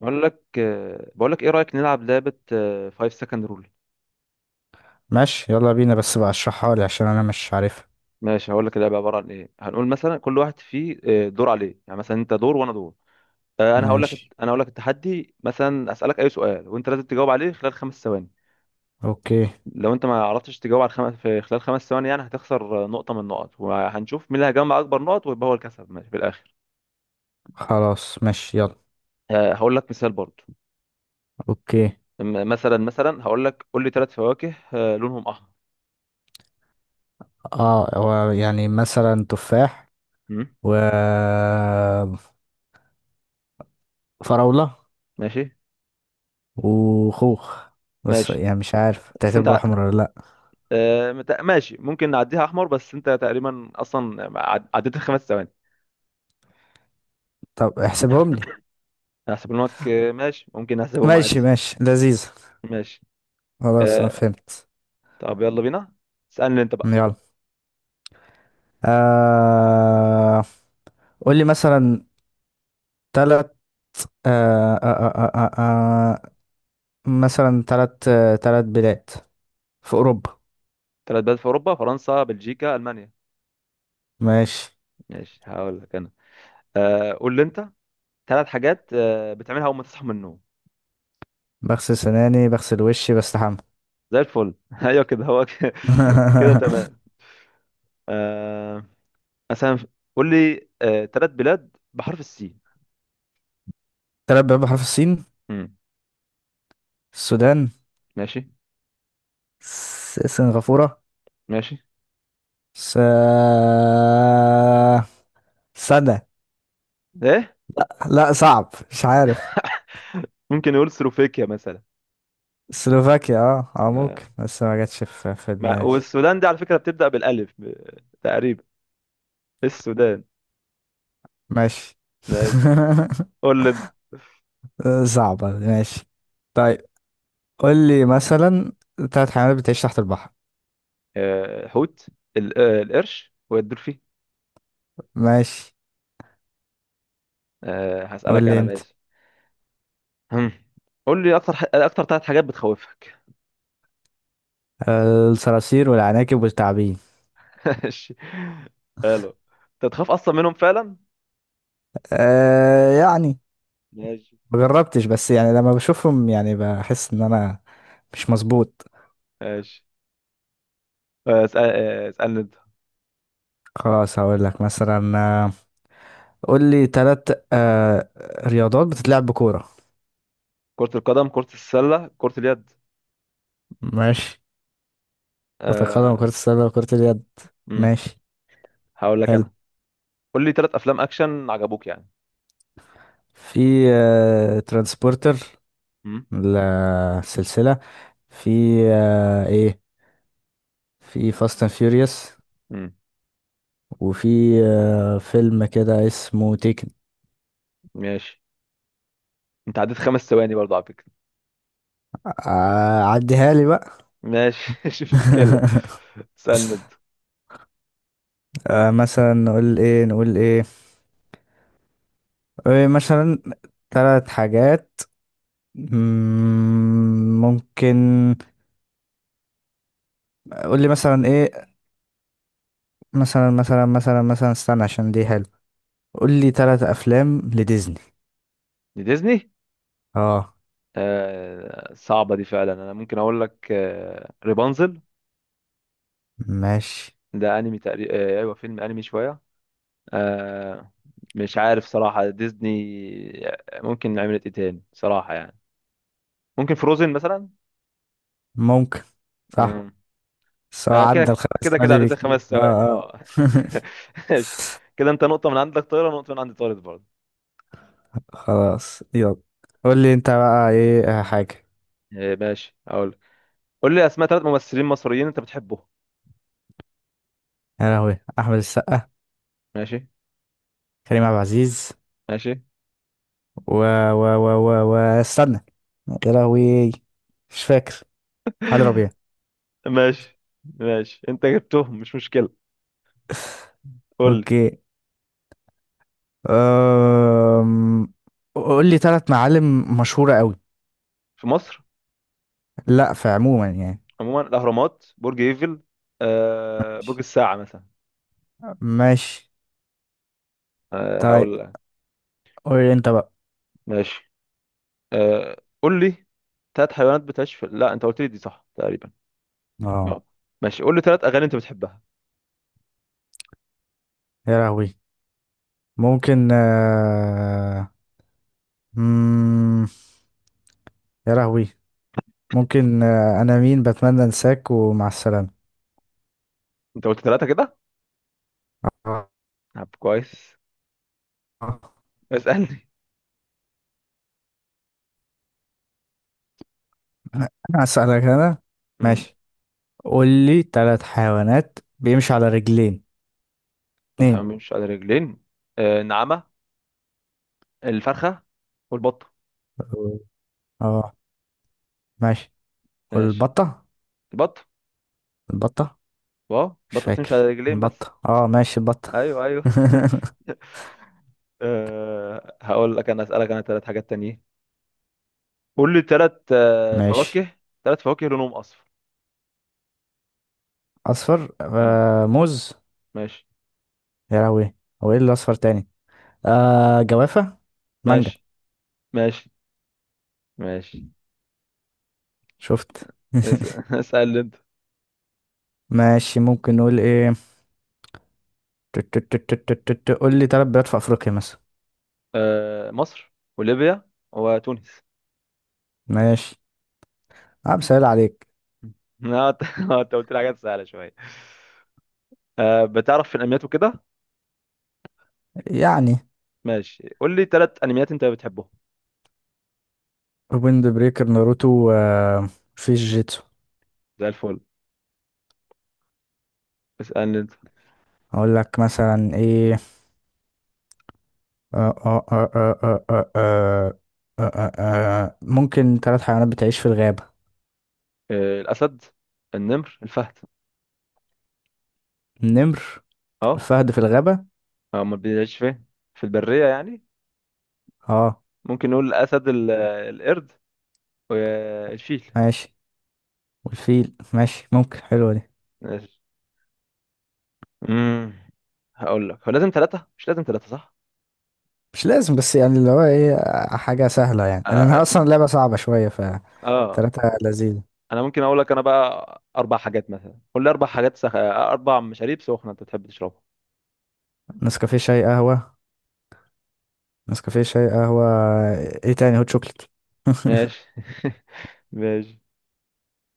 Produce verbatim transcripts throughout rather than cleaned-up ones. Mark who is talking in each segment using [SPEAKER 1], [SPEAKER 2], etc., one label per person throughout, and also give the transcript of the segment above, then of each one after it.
[SPEAKER 1] بقول لك آه، بقول لك ايه رأيك نلعب لعبة five second رول؟
[SPEAKER 2] ماشي، يلا بينا. بس بقى اشرحها لي عشان انا مش عارفها.
[SPEAKER 1] ماشي، هقول لك اللعبة عبارة عن ايه. هنقول مثلا كل واحد فيه آه، دور عليه، يعني مثلا انت دور وانا دور. آه، انا هقول لك
[SPEAKER 2] ماشي.
[SPEAKER 1] انا هقول لك التحدي، مثلا اسالك اي سؤال وانت لازم تجاوب عليه خلال خمس ثواني.
[SPEAKER 2] اوكي.
[SPEAKER 1] لو انت ما عرفتش تجاوب على الخم... في خلال خمس ثواني يعني هتخسر آه، نقطة من النقط، وهنشوف مين اللي هيجمع اكبر نقط ويبقى هو الكسب ماشي في الاخر.
[SPEAKER 2] خلاص، ماشي يلا.
[SPEAKER 1] آه، هقول لك مثال برضه.
[SPEAKER 2] اوكي.
[SPEAKER 1] م- مثلا مثلا هقول لك قول لي ثلاث فواكه آه، لونهم احمر.
[SPEAKER 2] اه، هو يعني مثلا تفاح
[SPEAKER 1] م?
[SPEAKER 2] و فراولة
[SPEAKER 1] ماشي،
[SPEAKER 2] وخوخ، بس
[SPEAKER 1] ماشي،
[SPEAKER 2] يعني مش عارف
[SPEAKER 1] بس انت
[SPEAKER 2] تعتبره احمر ولا لا.
[SPEAKER 1] آه، مت- ماشي ممكن نعديها احمر، بس انت تقريبا اصلا عد- عديت الخمس ثواني.
[SPEAKER 2] طب احسبهم لي.
[SPEAKER 1] هحسبهم لك آه، ماشي ممكن احسبهم
[SPEAKER 2] ماشي
[SPEAKER 1] عادي.
[SPEAKER 2] ماشي، لذيذ.
[SPEAKER 1] ماشي.
[SPEAKER 2] خلاص، انا
[SPEAKER 1] آه،
[SPEAKER 2] فهمت.
[SPEAKER 1] طب يلا بينا، اسالني انت بقى.
[SPEAKER 2] يلا. آه... قول لي مثلا تلات آه... آه... آه... آه... آه... آه، مثلا، تلات آه... تلات بلاد في اوروبا.
[SPEAKER 1] ثلاث بلاد في اوروبا: فرنسا، بلجيكا، المانيا.
[SPEAKER 2] ماشي.
[SPEAKER 1] ماشي، هقول لك انا. آه، قول لي انت ثلاث حاجات آه، بتعملها اول ما تصحى من النوم.
[SPEAKER 2] بغسل سناني، بغسل وشي، بستحمى.
[SPEAKER 1] زي الفل. ايوه كده، هو كده. كده تمام. آه، مثلا قول لي آه، ثلاث بلاد بحرف السين.
[SPEAKER 2] تلات بيبان بحرف السين.
[SPEAKER 1] مم،
[SPEAKER 2] السودان.
[SPEAKER 1] ماشي،
[SPEAKER 2] س- سنغافورة.
[SPEAKER 1] ماشي.
[SPEAKER 2] س. سنة.
[SPEAKER 1] ايه؟
[SPEAKER 2] لا لا، صعب، مش عارف.
[SPEAKER 1] ممكن نقول سلوفاكيا مثلا.
[SPEAKER 2] سلوفاكيا، اه اه، ممكن،
[SPEAKER 1] آه،
[SPEAKER 2] بس ما جاتش في في
[SPEAKER 1] ما
[SPEAKER 2] دماغي.
[SPEAKER 1] والسودان دي على فكرة بتبدأ بالألف ب- تقريبا. السودان.
[SPEAKER 2] ماشي.
[SPEAKER 1] ماشي. قول لي انت.
[SPEAKER 2] صعبة، ماشي. طيب قول لي مثلا تلات حيوانات بتعيش تحت البحر.
[SPEAKER 1] آه، حوت، ال- آه، القرش والدولفين.
[SPEAKER 2] ماشي.
[SPEAKER 1] آه،
[SPEAKER 2] قول
[SPEAKER 1] هسألك
[SPEAKER 2] لي
[SPEAKER 1] أنا
[SPEAKER 2] انت.
[SPEAKER 1] ماشي. هم. قول لي أكتر ح... أكتر ثلاث حاجات بتخوفك.
[SPEAKER 2] الصراصير والعناكب والتعابين.
[SPEAKER 1] ماشي، حلو. أنت تخاف أصلا منهم فعلا؟
[SPEAKER 2] آه يعني
[SPEAKER 1] ماشي،
[SPEAKER 2] ما جربتش، بس يعني لما بشوفهم يعني بحس ان انا مش مظبوط.
[SPEAKER 1] ماشي. آه، اسأل... آه، اسألني أنت.
[SPEAKER 2] خلاص، هقول لك مثلا، آه، قول لي ثلاث آه رياضات بتتلعب بكوره.
[SPEAKER 1] كرة القدم، كرة السلة، كرة اليد.
[SPEAKER 2] ماشي. كرة القدم وكرة
[SPEAKER 1] أه...
[SPEAKER 2] السلة وكرة اليد.
[SPEAKER 1] مم.
[SPEAKER 2] ماشي
[SPEAKER 1] هقول لك
[SPEAKER 2] حلو.
[SPEAKER 1] أنا. قول لي ثلاث أفلام أكشن عجبوك يعني.
[SPEAKER 2] في آه، ترانسبورتر
[SPEAKER 1] مم.
[SPEAKER 2] السلسلة. في آه، ايه، في فاست اند فيوريوس.
[SPEAKER 1] مم.
[SPEAKER 2] وفي آه، فيلم كده اسمه تيكن.
[SPEAKER 1] ماشي. أنت عديت خمس ثواني برضه على فكرة.
[SPEAKER 2] آه، عديها لي بقى.
[SPEAKER 1] ماشي. مش مشكلة. سند.
[SPEAKER 2] آه مثلا نقول ايه نقول ايه, إيه مثلا، ثلاث حاجات. مم، ممكن. قول لي مثلا ايه. مثلا مثلا مثلا مثلا استنى عشان دي حلو. قول لي ثلاث افلام لديزني.
[SPEAKER 1] ديزني،
[SPEAKER 2] اه،
[SPEAKER 1] آه صعبة دي فعلا. أنا ممكن أقول لك آه ريبانزل.
[SPEAKER 2] ماشي،
[SPEAKER 1] ده أنمي تقريبا، آه أيوه فيلم أنمي شوية. آه. مش عارف صراحة، ديزني آه، ممكن عملت إيه تاني صراحة يعني. ممكن فروزن مثلا.
[SPEAKER 2] ممكن. صح،
[SPEAKER 1] مم.
[SPEAKER 2] بس هو
[SPEAKER 1] آه
[SPEAKER 2] عدى
[SPEAKER 1] كده
[SPEAKER 2] الخمس
[SPEAKER 1] كده كده
[SPEAKER 2] ثواني
[SPEAKER 1] عديت
[SPEAKER 2] بكتير.
[SPEAKER 1] الخمس
[SPEAKER 2] اه
[SPEAKER 1] ثواني.
[SPEAKER 2] اه.
[SPEAKER 1] أه ماشي. كده أنت نقطة من عندك طايرة ونقطة من عندي طارت برضه.
[SPEAKER 2] خلاص يلا. قول لي انت بقى ايه، آه، حاجة.
[SPEAKER 1] آه ماشي أقول. قول لي أسماء ثلاث ممثلين مصريين أنت بتحبهم.
[SPEAKER 2] يا لهوي، احمد السقا،
[SPEAKER 1] ماشي،
[SPEAKER 2] كريم عبد العزيز،
[SPEAKER 1] ماشي،
[SPEAKER 2] و و و و و استنى، يا لهوي، مش فاكر، علي ربيع.
[SPEAKER 1] ماشي، ماشي. انت جبتهم مش مشكلة. قول لي
[SPEAKER 2] اوكي. أم... قول لي ثلاث معالم مشهورة قوي.
[SPEAKER 1] في مصر
[SPEAKER 2] لا، في عموما يعني.
[SPEAKER 1] عموما: الأهرامات، برج ايفل، آه برج
[SPEAKER 2] ماشي
[SPEAKER 1] الساعة مثلا.
[SPEAKER 2] ماشي.
[SPEAKER 1] آه
[SPEAKER 2] طيب
[SPEAKER 1] هقول لك.
[SPEAKER 2] قول لي انت بقى.
[SPEAKER 1] ماشي. آه قول لي ثلاث حيوانات بتعيش في، لا انت قلت لي دي، صح تقريبا.
[SPEAKER 2] اه.
[SPEAKER 1] اه. ماشي، قول لي ثلاث أغاني انت بتحبها.
[SPEAKER 2] يا لهوي، ممكن آه... مم... يا لهوي، ممكن آه... انا مين، بتمنى انساك، ومع السلامة.
[SPEAKER 1] انت قلت ثلاثة كده.
[SPEAKER 2] آه.
[SPEAKER 1] طب كويس، اسألني.
[SPEAKER 2] انا هسألك انا.
[SPEAKER 1] امم
[SPEAKER 2] ماشي. قول لي ثلاث حيوانات بيمشي على رجلين.
[SPEAKER 1] بتحب
[SPEAKER 2] اتنين.
[SPEAKER 1] مش على رجلين. آه النعامة، الفرخة، والبطة.
[SPEAKER 2] اه، ماشي.
[SPEAKER 1] ماشي
[SPEAKER 2] والبطة.
[SPEAKER 1] البطة.
[SPEAKER 2] البطة،
[SPEAKER 1] واو،
[SPEAKER 2] مش
[SPEAKER 1] البطة بتمشي على
[SPEAKER 2] فاكر
[SPEAKER 1] رجلين بس.
[SPEAKER 2] البطة. اه، ماشي البطة.
[SPEAKER 1] ايوه، ايوه. أه هقول لك انا اسالك انا ثلاث حاجات تانيين. قول لي ثلاث أه
[SPEAKER 2] ماشي.
[SPEAKER 1] فواكه، ثلاث فواكه لونهم اصفر.
[SPEAKER 2] اصفر،
[SPEAKER 1] مم.
[SPEAKER 2] آه موز.
[SPEAKER 1] ماشي،
[SPEAKER 2] يا لهوي، هو ايه اللي اصفر تاني. آه جوافة، مانجا.
[SPEAKER 1] ماشي، ماشي، ماشي.
[SPEAKER 2] شفت.
[SPEAKER 1] اس- اسال انت.
[SPEAKER 2] ماشي، ممكن نقول ايه. تت- تت- تت- تت- تت- قول لي تلات بلاد في افريقيا مثلا.
[SPEAKER 1] أه مصر وليبيا وتونس.
[SPEAKER 2] ماشي. انا بسهل عليك.
[SPEAKER 1] مم. لا، انت أنت قلت لي حاجات سهله شويه. أه بتعرف في الانميات وكده.
[SPEAKER 2] يعني
[SPEAKER 1] ماشي قول لي ثلاث انميات انت بتحبهم.
[SPEAKER 2] ويند بريكر، ناروتو، آه في جيتسو.
[SPEAKER 1] زي الفل، اسالني انت.
[SPEAKER 2] اقول لك مثلا ايه. آه آه آه آه آه آه آه آه آه ممكن ثلاث حيوانات بتعيش في الغابة.
[SPEAKER 1] أه الاسد، النمر، الفهد.
[SPEAKER 2] النمر،
[SPEAKER 1] اه.
[SPEAKER 2] الفهد في الغابة.
[SPEAKER 1] هو ما بيعيش فين، في البريه يعني.
[SPEAKER 2] اه،
[SPEAKER 1] ممكن نقول الاسد ال- القرد وشيل.
[SPEAKER 2] ماشي. والفيل، ماشي، ممكن، حلوة دي.
[SPEAKER 1] ماشي. امم هقول لك هو لازم ثلاثة، مش لازم ثلاثة، صح.
[SPEAKER 2] مش لازم، بس يعني اللي هو ايه، آه، حاجة سهلة يعني،
[SPEAKER 1] اه.
[SPEAKER 2] لأنها أصلا لعبة صعبة شوية. ف
[SPEAKER 1] آه.
[SPEAKER 2] تلاتة لذيذ.
[SPEAKER 1] انا ممكن اقول لك انا بقى اربع حاجات. مثلا قول لي اربع حاجات سخ... اربع مشاريب سخنة انت بتحب تشربها.
[SPEAKER 2] نسكافيه، شاي، قهوة. نسكافيه شاي قهوة ايه تاني، هوت شوكليت.
[SPEAKER 1] ماشي. ماشي،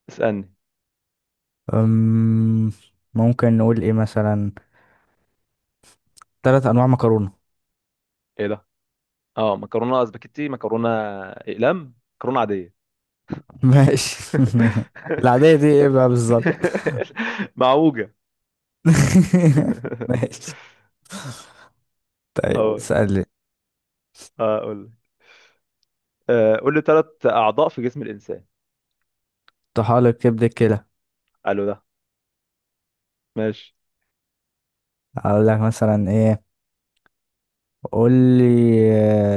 [SPEAKER 1] اسألني.
[SPEAKER 2] أم، ممكن نقول ايه مثلا، تلات انواع مكرونة.
[SPEAKER 1] ايه ده؟ اه مكرونة اسباجيتي، مكرونة اقلام، مكرونة عادية.
[SPEAKER 2] ماشي. العادية دي ايه بقى بالظبط.
[SPEAKER 1] معوجة.
[SPEAKER 2] ماشي. طيب
[SPEAKER 1] هقول
[SPEAKER 2] اسألني.
[SPEAKER 1] هقول آه، قول لي ثلاث اعضاء في جسم الانسان.
[SPEAKER 2] طحالب، كبد، الكلى.
[SPEAKER 1] قالوا ده. ماشي.
[SPEAKER 2] هقول لك مثلا ايه. قول لي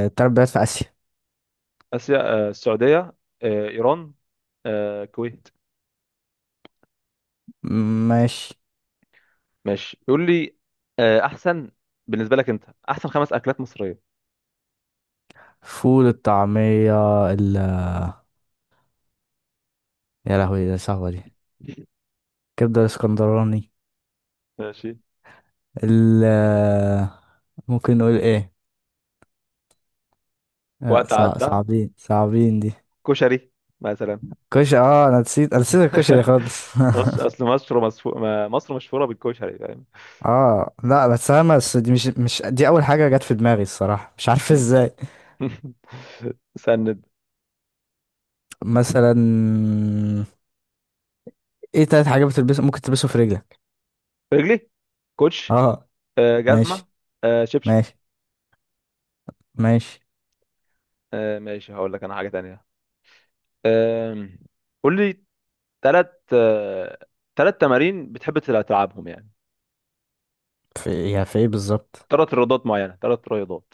[SPEAKER 2] آه، تلات بلاد في آسيا.
[SPEAKER 1] اسيا. آه، السعوديه، آه، ايران، آه، الكويت.
[SPEAKER 2] ماشي.
[SPEAKER 1] ماشي يقول لي آه، احسن بالنسبه لك انت، احسن خمس اكلات مصريه.
[SPEAKER 2] فول، الطعمية، ال... يا لهوي، ده صعبة دي. كبدة الاسكندراني.
[SPEAKER 1] ماشي.
[SPEAKER 2] ال آه، ممكن نقول ايه. لا
[SPEAKER 1] وقت
[SPEAKER 2] صع...
[SPEAKER 1] عدى.
[SPEAKER 2] صعبين صعبين دي.
[SPEAKER 1] كشري مثلا.
[SPEAKER 2] كشري. اه، انا نسيت انا نسيت الكشري خالص.
[SPEAKER 1] مصر، اصل مصر مصفو... ما- مصر مشهوره بالكشري، فاهم.
[SPEAKER 2] اه، لا، بس انا، بس دي مش مش دي اول حاجة جت في دماغي الصراحة. مش عارف ازاي.
[SPEAKER 1] سند.
[SPEAKER 2] مثلا، ايه تلات حاجات بتلبسه، ممكن تلبسه في رجلك.
[SPEAKER 1] رجلي: كوتش،
[SPEAKER 2] اه،
[SPEAKER 1] آه،
[SPEAKER 2] ماشي،
[SPEAKER 1] جزمه، آه، شبشب.
[SPEAKER 2] ماشي، ماشي.
[SPEAKER 1] آه، ماشي، هقول لك انا حاجه تانية. آم، قول لي ثلاث ثلاث تمارين بتحب تلعبهم يعني،
[SPEAKER 2] في، يا في ايه بالظبط.
[SPEAKER 1] ثلاث رياضات معينة، ثلاث رياضات.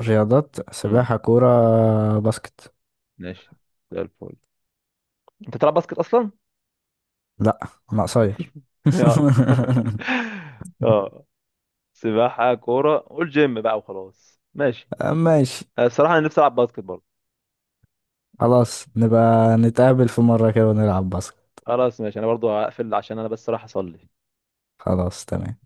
[SPEAKER 2] رياضات،
[SPEAKER 1] امم
[SPEAKER 2] سباحة، كورة، باسكت.
[SPEAKER 1] ماشي. زي الفل. انت بتلعب باسكت اصلا؟
[SPEAKER 2] لا. انا قصير.
[SPEAKER 1] اه، اه. سباحة، كورة، قول جيم بقى وخلاص. ماشي.
[SPEAKER 2] ماشي.
[SPEAKER 1] آه، الصراحة انا نفسي العب باسكت برضه.
[SPEAKER 2] خلاص نبقى نتقابل في مرة كده ونلعب باسكت.
[SPEAKER 1] خلاص ماشي، انا برضه هقفل عشان انا بس رايح اصلي.
[SPEAKER 2] خلاص، تمام.